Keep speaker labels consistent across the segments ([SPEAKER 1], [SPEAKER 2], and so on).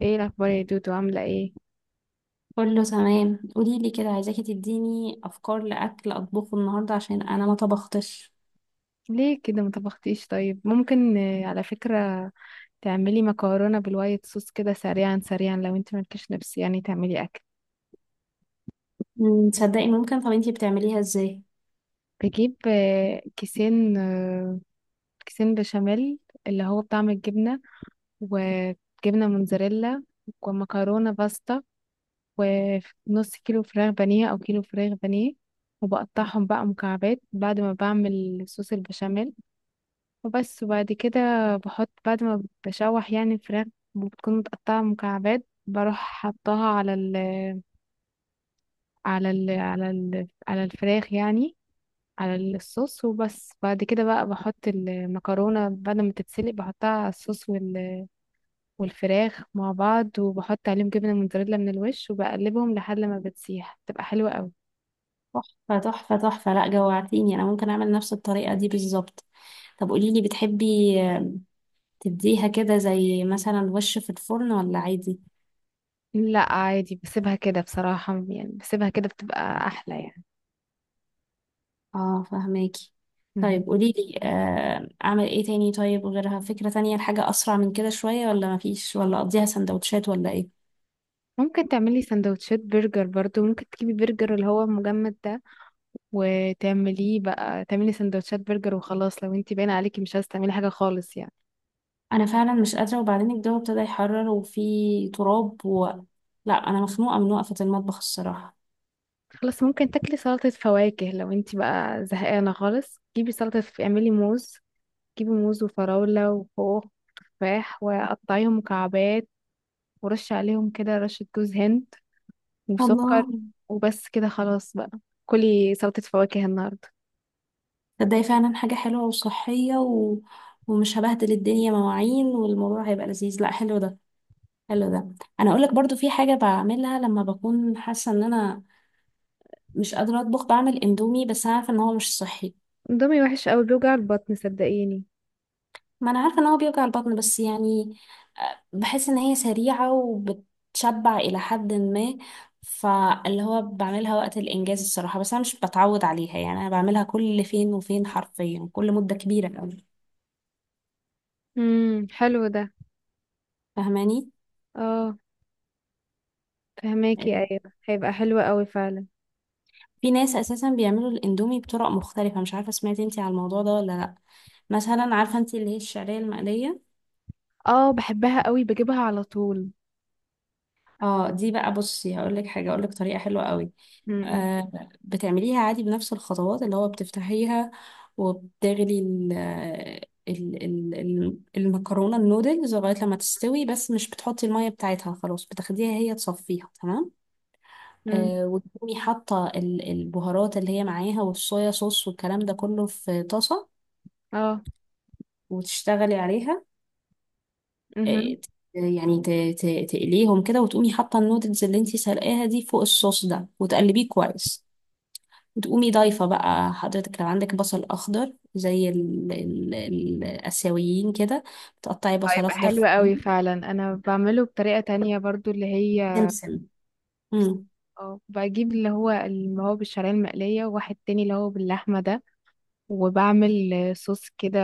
[SPEAKER 1] ايه الاخبار يا دودو، عامله ايه؟
[SPEAKER 2] كله تمام. قولي لي كده، عايزاكي تديني افكار لاكل اطبخه النهارده عشان انا ما طبختش.
[SPEAKER 1] ليه كده ما طبختيش؟ طيب، ممكن على فكره تعملي مكرونه بالوايت صوص كده سريعا سريعا، لو انت مالكيش نفس يعني تعملي اكل.
[SPEAKER 2] تصدقي ممكن. طب انتي بتعمليها ازاي؟
[SPEAKER 1] بجيب كيسين بشاميل، اللي هو بطعم الجبنه، وجبنه موتزاريلا، ومكرونه باستا، ونص كيلو فراخ بانيه او كيلو فراخ بانيه. وبقطعهم بقى مكعبات بعد ما بعمل صوص البشاميل وبس. وبعد كده بحط، بعد ما بشوح يعني الفراخ بتكون متقطعة مكعبات، بروح حطها على ال على ال على ال على الفراخ يعني على الصوص وبس. بعد كده بقى بحط المكرونة بعد ما تتسلق، بحطها على الصوص والفراخ مع بعض، وبحط عليهم جبنة موتزاريلا من الوش وبقلبهم لحد ما بتسيح، بتبقى حلوة قوي.
[SPEAKER 2] تحفه تحفه تحفه، لا جوعتيني. انا ممكن اعمل نفس الطريقه دي بالظبط. طب قولي لي، بتحبي تديها كده زي مثلا وش في الفرن ولا عادي؟
[SPEAKER 1] لا عادي، بسيبها كده بصراحة، يعني بسيبها كده بتبقى أحلى
[SPEAKER 2] اه، فهماكي.
[SPEAKER 1] يعني.
[SPEAKER 2] طيب قولي لي، اعمل ايه تاني؟ طيب غيرها، فكره تانية، الحاجه اسرع من كده شويه ولا مفيش، ولا اقضيها سندوتشات ولا ايه؟
[SPEAKER 1] ممكن تعملي سندوتشات برجر برضو، ممكن تجيبي برجر اللي هو مجمد ده وتعمليه بقى، تعملي سندوتشات برجر وخلاص، لو انتي باينه عليكي مش عايزه تعملي حاجه خالص يعني.
[SPEAKER 2] انا فعلا مش قادره، وبعدين الجو ابتدى يحرر وفي تراب لا انا مخنوقه من وقفه المطبخ الصراحه.
[SPEAKER 1] خلاص، ممكن تاكلي سلطه فواكه لو انتي بقى زهقانه خالص. جيبي سلطه، اعملي موز. جيبي موز وفراوله وخوخ وتفاح، وقطعيهم مكعبات، ورشي عليهم كده رشه جوز هند وسكر.
[SPEAKER 2] الله.
[SPEAKER 1] وبس كده خلاص بقى، كلي سلطه فواكه النهارده.
[SPEAKER 2] تصدقي فعلا حاجه حلوه وصحيه ومش هبهدل الدنيا مواعين، والموضوع هيبقى لذيذ. لا حلو ده، حلو ده. انا اقول لك برضو في حاجه بعملها لما بكون حاسه ان انا مش قادره اطبخ، بعمل اندومي، بس انا عارفه ان هو مش صحي.
[SPEAKER 1] اندومي وحش قوي، بيوجع البطن صدقيني.
[SPEAKER 2] ما انا عارفه ان هو بيوجع البطن، بس يعني بحس ان هي سريعه وبتشبع الى حد ما. فاللي هو بعملها وقت الانجاز الصراحه، بس انا مش بتعود عليها، يعني انا بعملها كل فين وفين، حرفيا كل مده كبيره قوي.
[SPEAKER 1] حلو ده.
[SPEAKER 2] فاهماني؟
[SPEAKER 1] اه، فهماكي،
[SPEAKER 2] آه،
[SPEAKER 1] ايوه هيبقى حلو قوي فعلا.
[SPEAKER 2] في ناس اساسا بيعملوا الاندومي بطرق مختلفه، مش عارفه سمعتي انتي على الموضوع ده ولا لا. مثلا عارفه انتي اللي هي الشعريه المقليه؟
[SPEAKER 1] اه، بحبها قوي، بجيبها على طول.
[SPEAKER 2] اه، دي بقى بصي هقول لك حاجه، اقول لك طريقه حلوه قوي.
[SPEAKER 1] امم.
[SPEAKER 2] آه، بتعمليها عادي بنفس الخطوات، اللي هو بتفتحيها وبتغلي المكرونه النودلز لغايه لما تستوي، بس مش بتحطي الميه بتاعتها، خلاص بتاخديها هي تصفيها تمام.
[SPEAKER 1] امم.
[SPEAKER 2] آه، وتقومي حاطه البهارات اللي هي معاها والصويا صوص والكلام ده كله في طاسه،
[SPEAKER 1] اه.
[SPEAKER 2] وتشتغلي عليها. آه،
[SPEAKER 1] امم
[SPEAKER 2] ت- يعني ت- تقليهم كده، وتقومي حاطة النودلز اللي انتي سلقاها دي فوق الصوص ده وتقلبيه كويس. وتقومي ضايفة بقى حضرتك لو عندك بصل أخضر زي ال الآسيويين كده، بتقطعي بصل
[SPEAKER 1] هيبقى
[SPEAKER 2] أخضر
[SPEAKER 1] حلو
[SPEAKER 2] فوقيهم
[SPEAKER 1] قوي فعلا. انا بعمله بطريقة تانية برضو، اللي هي
[SPEAKER 2] وسمسم.
[SPEAKER 1] بس
[SPEAKER 2] امم.
[SPEAKER 1] اه بجيب اللي هو بالشعرية المقلية، وواحد تاني اللي هو باللحمة ده. وبعمل صوص كده،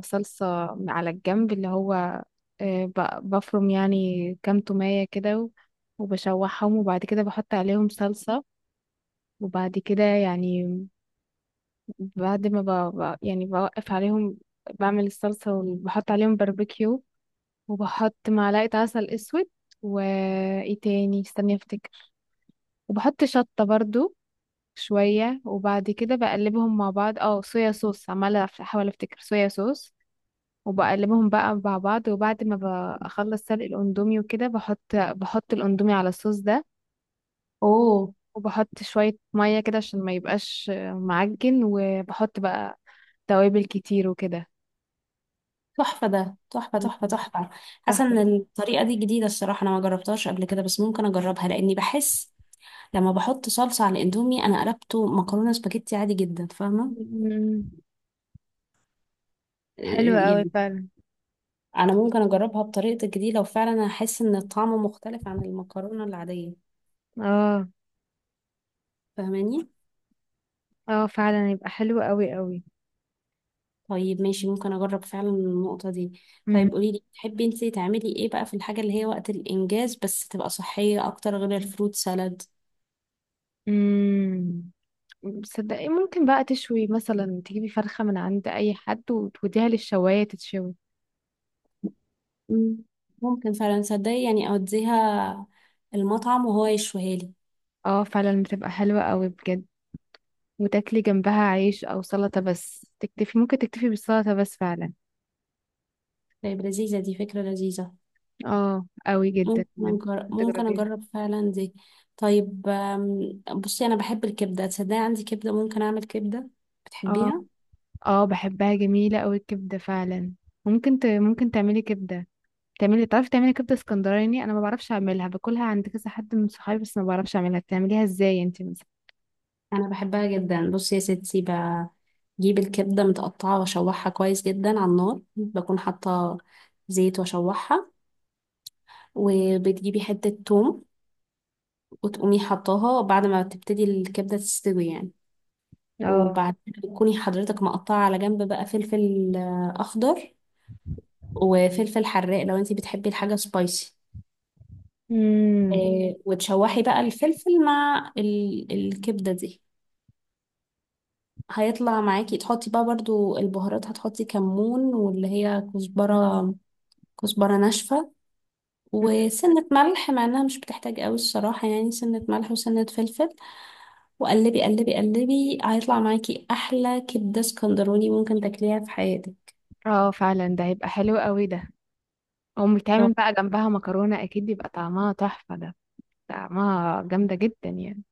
[SPEAKER 1] صلصة على الجنب، اللي هو بفرم يعني كام تومية كده وبشوحهم، وبعد كده بحط عليهم صلصة. وبعد كده يعني، بعد ما يعني بوقف عليهم، بعمل الصلصة وبحط عليهم باربيكيو، وبحط معلقة عسل اسود. وايه تاني؟ استني افتكر. وبحط شطة برضو شوية. وبعد كده بقلبهم مع بعض، صويا صوص. عمالة احاول افتكر، صويا صوص. وبقلبهم بقى مع بعض، وبعد ما بخلص سلق الاندومي وكده بحط، الاندومي على الصوص ده.
[SPEAKER 2] اوه.
[SPEAKER 1] وبحط شوية مية كده عشان ما يبقاش معجن، وبحط بقى توابل كتير وكده.
[SPEAKER 2] تحفة ده، تحفة تحفة تحفة. حاسة
[SPEAKER 1] تحفة.
[SPEAKER 2] ان الطريقة دي جديدة الصراحة، انا ما جربتهاش قبل كده، بس ممكن اجربها لاني بحس لما بحط صلصة على الاندومي انا قلبته مكرونة سباجيتي عادي جدا. فاهمة؟
[SPEAKER 1] مم. حلو
[SPEAKER 2] آه،
[SPEAKER 1] قوي
[SPEAKER 2] يعني
[SPEAKER 1] فعلا.
[SPEAKER 2] انا ممكن اجربها بطريقتك دي لو فعلا انا احس ان الطعم مختلف عن المكرونه العاديه.
[SPEAKER 1] اه،
[SPEAKER 2] فاهماني؟
[SPEAKER 1] اه فعلا يبقى حلو قوي قوي.
[SPEAKER 2] طيب ماشي، ممكن اجرب فعلا النقطه دي.
[SPEAKER 1] مهم.
[SPEAKER 2] طيب قولي لي، تحبي انت تعملي ايه بقى في الحاجه اللي هي وقت الانجاز بس تبقى صحيه اكتر غير الفروت سالاد؟
[SPEAKER 1] مم. صدقي ممكن بقى تشوي، مثلا تجيبي فرخة من عند اي حد وتوديها للشواية تتشوي.
[SPEAKER 2] مم. ممكن فعلا صدقي، يعني اوديها المطعم وهو يشويها لي.
[SPEAKER 1] اه، فعلا بتبقى حلوة قوي بجد. وتاكلي جنبها عيش او سلطة بس، تكتفي، ممكن تكتفي بالسلطة بس فعلا.
[SPEAKER 2] طيب لذيذه، دي فكره لذيذه.
[SPEAKER 1] اه، قوي جدا
[SPEAKER 2] ممكن
[SPEAKER 1] بجد.
[SPEAKER 2] أجرب،
[SPEAKER 1] كنت
[SPEAKER 2] ممكن
[SPEAKER 1] تجربيها.
[SPEAKER 2] اجرب فعلا دي. طيب بصي انا بحب الكبده، تصدقي عندي كبده، ممكن اعمل كبده.
[SPEAKER 1] اه،
[SPEAKER 2] بتحبيها؟
[SPEAKER 1] اه، بحبها جميلة قوي الكبدة فعلا. ممكن ممكن تعملي كبدة. تعرفي تعملي كبدة اسكندراني، انا ما بعرفش اعملها، باكلها عند كذا حد من صحابي، بس ما بعرفش اعملها. بتعمليها ازاي انت مثلا؟
[SPEAKER 2] انا بحبها جدا. بصي يا ستي، بجيب الكبده متقطعه واشوحها كويس جدا على النار، بكون حاطه زيت واشوحها، وبتجيبي حته توم وتقومي حطاها بعد ما تبتدي الكبده تستوي يعني.
[SPEAKER 1] اه.
[SPEAKER 2] وبعدين بتكوني حضرتك مقطعه على جنب بقى فلفل اخضر وفلفل حراق لو انتي بتحبي الحاجه سبايسي.
[SPEAKER 1] امم.
[SPEAKER 2] وتشوحي بقى الفلفل مع الكبده دي. هيطلع معاكي. تحطي بقى برضو البهارات، هتحطي كمون واللي هي كزبرة، كزبرة ناشفة، وسنة ملح، مع انها مش بتحتاج قوي الصراحة، يعني سنة ملح وسنة فلفل، وقلبي قلبي قلبي، هيطلع معاكي احلى كبدة اسكندراني ممكن تاكليها في حياتك.
[SPEAKER 1] اه. فعلا ده هيبقى حلو قوي ده. او بيتعمل بقى جنبها مكرونة، اكيد يبقى طعمها تحفة ده، طعمها جامدة جدا يعني.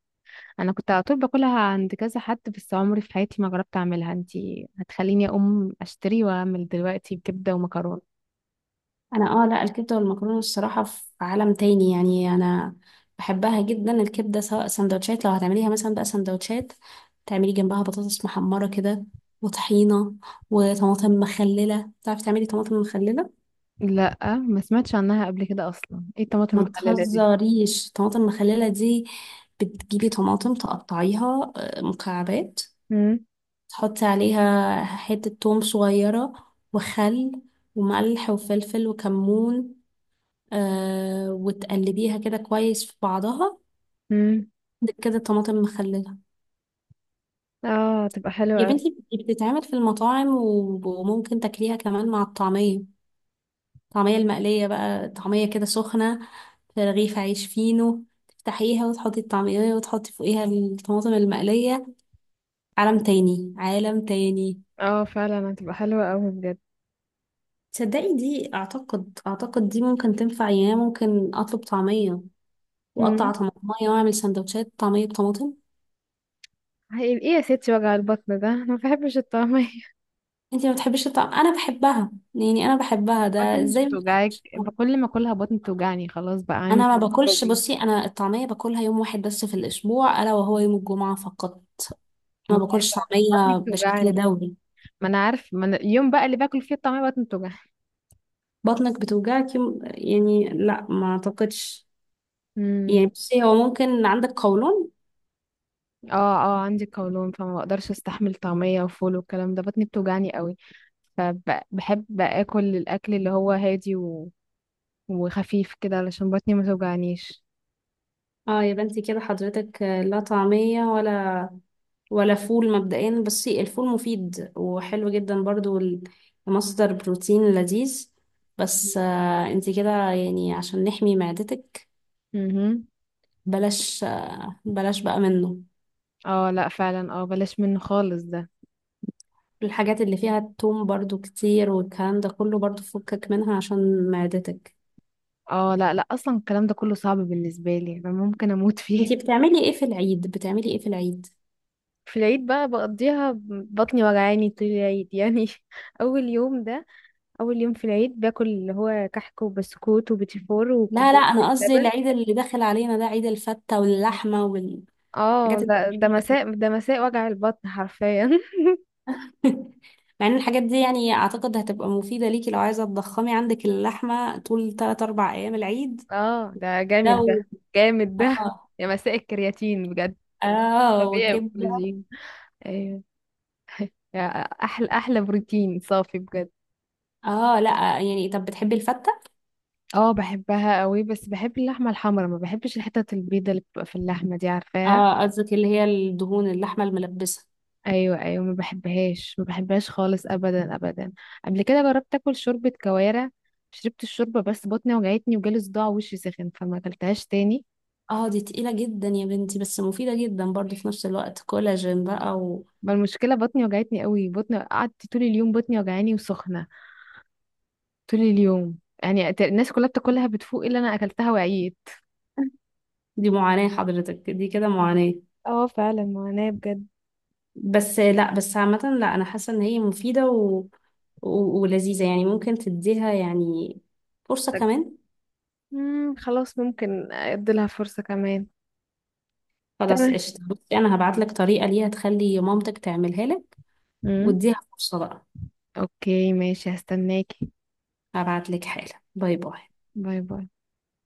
[SPEAKER 1] انا كنت على طول باكلها عند كذا حد، بس عمري في حياتي ما جربت اعملها. انت هتخليني اقوم اشتري واعمل دلوقتي بكبدة ومكرونة.
[SPEAKER 2] انا اه، لا، الكبده والمكرونه الصراحه في عالم تاني يعني، انا بحبها جدا الكبده. سواء سندوتشات، لو هتعمليها مثلا بقى سندوتشات، تعملي جنبها بطاطس محمره كده، وطحينه، وطماطم مخلله. تعرفي تعملي طماطم مخلله؟
[SPEAKER 1] لا، ما سمعتش عنها قبل كده اصلا. ايه الطماطم
[SPEAKER 2] ما
[SPEAKER 1] المخللة دي؟
[SPEAKER 2] تهزريش، طماطم مخلله دي بتجيبي طماطم تقطعيها مكعبات،
[SPEAKER 1] امم.
[SPEAKER 2] تحطي عليها حته توم صغيره، وخل، وملح وفلفل وكمون، آه، وتقلبيها كده كويس في بعضها.
[SPEAKER 1] امم.
[SPEAKER 2] عندك كده طماطم مخللة.
[SPEAKER 1] اه، تبقى
[SPEAKER 2] يا
[SPEAKER 1] حلوة.
[SPEAKER 2] بنتي دي بتتعمل في المطاعم، وممكن تاكليها كمان مع الطعمية، الطعمية المقلية بقى، طعمية كده سخنة في رغيف عيش فينو، تفتحيها وتحطي الطعمية وتحطي فوقيها الطماطم المقلية. عالم تاني، عالم تاني.
[SPEAKER 1] اه، فعلا هتبقى حلوة اوي بجد.
[SPEAKER 2] تصدقي دي اعتقد، اعتقد دي ممكن تنفع يعني، أنا ممكن اطلب طعمية
[SPEAKER 1] امم.
[SPEAKER 2] واقطع طماطمية واعمل سندوتشات طعمية بطماطم.
[SPEAKER 1] ايه يا ستي وجع البطن ده، انا ما بحبش الطعمية.
[SPEAKER 2] انتي ما بتحبيش الطعم؟ انا بحبها، يعني انا بحبها،
[SPEAKER 1] بطنك
[SPEAKER 2] ده
[SPEAKER 1] مش
[SPEAKER 2] ازاي ما
[SPEAKER 1] بتوجعك؟
[SPEAKER 2] بتحبيش الطعم؟
[SPEAKER 1] كل ما اكلها بطني بتوجعني. خلاص، بقى
[SPEAKER 2] انا ما
[SPEAKER 1] عندي
[SPEAKER 2] باكلش،
[SPEAKER 1] فوبيا.
[SPEAKER 2] بصي انا الطعميه باكلها يوم واحد بس في الاسبوع، الا وهو يوم الجمعه فقط، ما باكلش
[SPEAKER 1] متعبة، بطني
[SPEAKER 2] طعميه بشكل
[SPEAKER 1] بتوجعني.
[SPEAKER 2] دوري.
[SPEAKER 1] ما انا عارف، ما أنا اليوم بقى اللي باكل فيه الطعمية بطني بتوجعني.
[SPEAKER 2] بطنك بتوجعك يوم يعني؟ لا ما اعتقدش.
[SPEAKER 1] امم.
[SPEAKER 2] يعني بصي، هو ممكن عندك قولون.
[SPEAKER 1] اه. اه، عندي قولون، فما بقدرش استحمل طعمية وفول والكلام ده، بطني بتوجعني قوي. فبحب اكل الاكل اللي هو هادي و... وخفيف كده علشان بطني ما توجعنيش.
[SPEAKER 2] اه، يبقى انتي كده حضرتك لا طعميه ولا، ولا فول. مبدئيا بصي، الفول مفيد وحلو جدا برضو، مصدر بروتين لذيذ، بس انتي كده يعني، عشان نحمي معدتك
[SPEAKER 1] امم.
[SPEAKER 2] بلاش، بلاش بقى منه.
[SPEAKER 1] اه لا، فعلا، بلاش منه خالص ده.
[SPEAKER 2] الحاجات اللي فيها التوم برضو كتير، والكلام ده كله برضو فكك منها عشان معدتك.
[SPEAKER 1] اه لا، لا، اصلا الكلام ده كله صعب بالنسبه لي، انا ممكن اموت فيه.
[SPEAKER 2] انتي بتعملي ايه في العيد؟ بتعملي ايه في العيد؟
[SPEAKER 1] في العيد بقى بقضيها، بطني وجعاني طول العيد يعني. اول يوم ده اول يوم في العيد باكل اللي هو كحك وبسكوت وبتيفور
[SPEAKER 2] لا لا،
[SPEAKER 1] وكوبايه
[SPEAKER 2] انا قصدي
[SPEAKER 1] اللبن.
[SPEAKER 2] العيد اللي داخل علينا ده، عيد الفتة واللحمة والحاجات
[SPEAKER 1] اه لا،
[SPEAKER 2] دي.
[SPEAKER 1] ده مساء، ده مساء وجع البطن حرفيا
[SPEAKER 2] مع ان الحاجات دي يعني اعتقد هتبقى مفيدة ليكي لو عايزة تضخمي عندك اللحمة طول 3 4 ايام العيد.
[SPEAKER 1] اه ده جامد، ده
[SPEAKER 2] لو
[SPEAKER 1] جامد ده
[SPEAKER 2] اه،
[SPEAKER 1] يا مساء الكرياتين بجد.
[SPEAKER 2] اه
[SPEAKER 1] طبيعي
[SPEAKER 2] وكبدة.
[SPEAKER 1] وكولاجين. ايوه يا احلى احلى بروتين صافي بجد.
[SPEAKER 2] اه لا. يعني طب بتحبي الفتة؟
[SPEAKER 1] اه بحبها قوي، بس بحب اللحمه الحمرا، ما بحبش الحتت البيضه اللي بتبقى في اللحمه دي، عارفاها؟
[SPEAKER 2] اه، قصدك اللي هي الدهون، اللحمة الملبسة.
[SPEAKER 1] ايوه، ايوه، ما بحبهاش ما بحبهاش خالص، ابدا ابدا. قبل كده جربت اكل شوربه كوارع، شربت الشوربه بس بطني وجعتني وجالي صداع ووشي سخن، فما اكلتهاش تاني.
[SPEAKER 2] اه، دي تقيلة جدا يا بنتي، بس مفيدة جدا برضو في نفس الوقت، كولاجين بقى.
[SPEAKER 1] ما المشكله، بطني وجعتني قوي، بطني قعدت طول اليوم، بطني وجعاني وسخنه طول اليوم يعني. الناس كلها بتاكلها بتفوق، الا انا اكلتها وعيت.
[SPEAKER 2] ودي معاناة، حضرتك دي كده معاناة.
[SPEAKER 1] اه، فعلا معاناة بجد.
[SPEAKER 2] بس لا، بس عامة لا، انا حاسة ان هي مفيدة ولذيذة يعني، ممكن تديها يعني فرصة كمان.
[SPEAKER 1] خلاص ممكن اديلها فرصه كمان.
[SPEAKER 2] خلاص
[SPEAKER 1] تمام.
[SPEAKER 2] قشطة، بصي أنا هبعت لك طريقة ليها تخلي مامتك تعملها لك،
[SPEAKER 1] مم.
[SPEAKER 2] واديها فرصة بقى.
[SPEAKER 1] اوكي ماشي، هستناكي.
[SPEAKER 2] هبعت لك حالا، باي باي.
[SPEAKER 1] باي باي.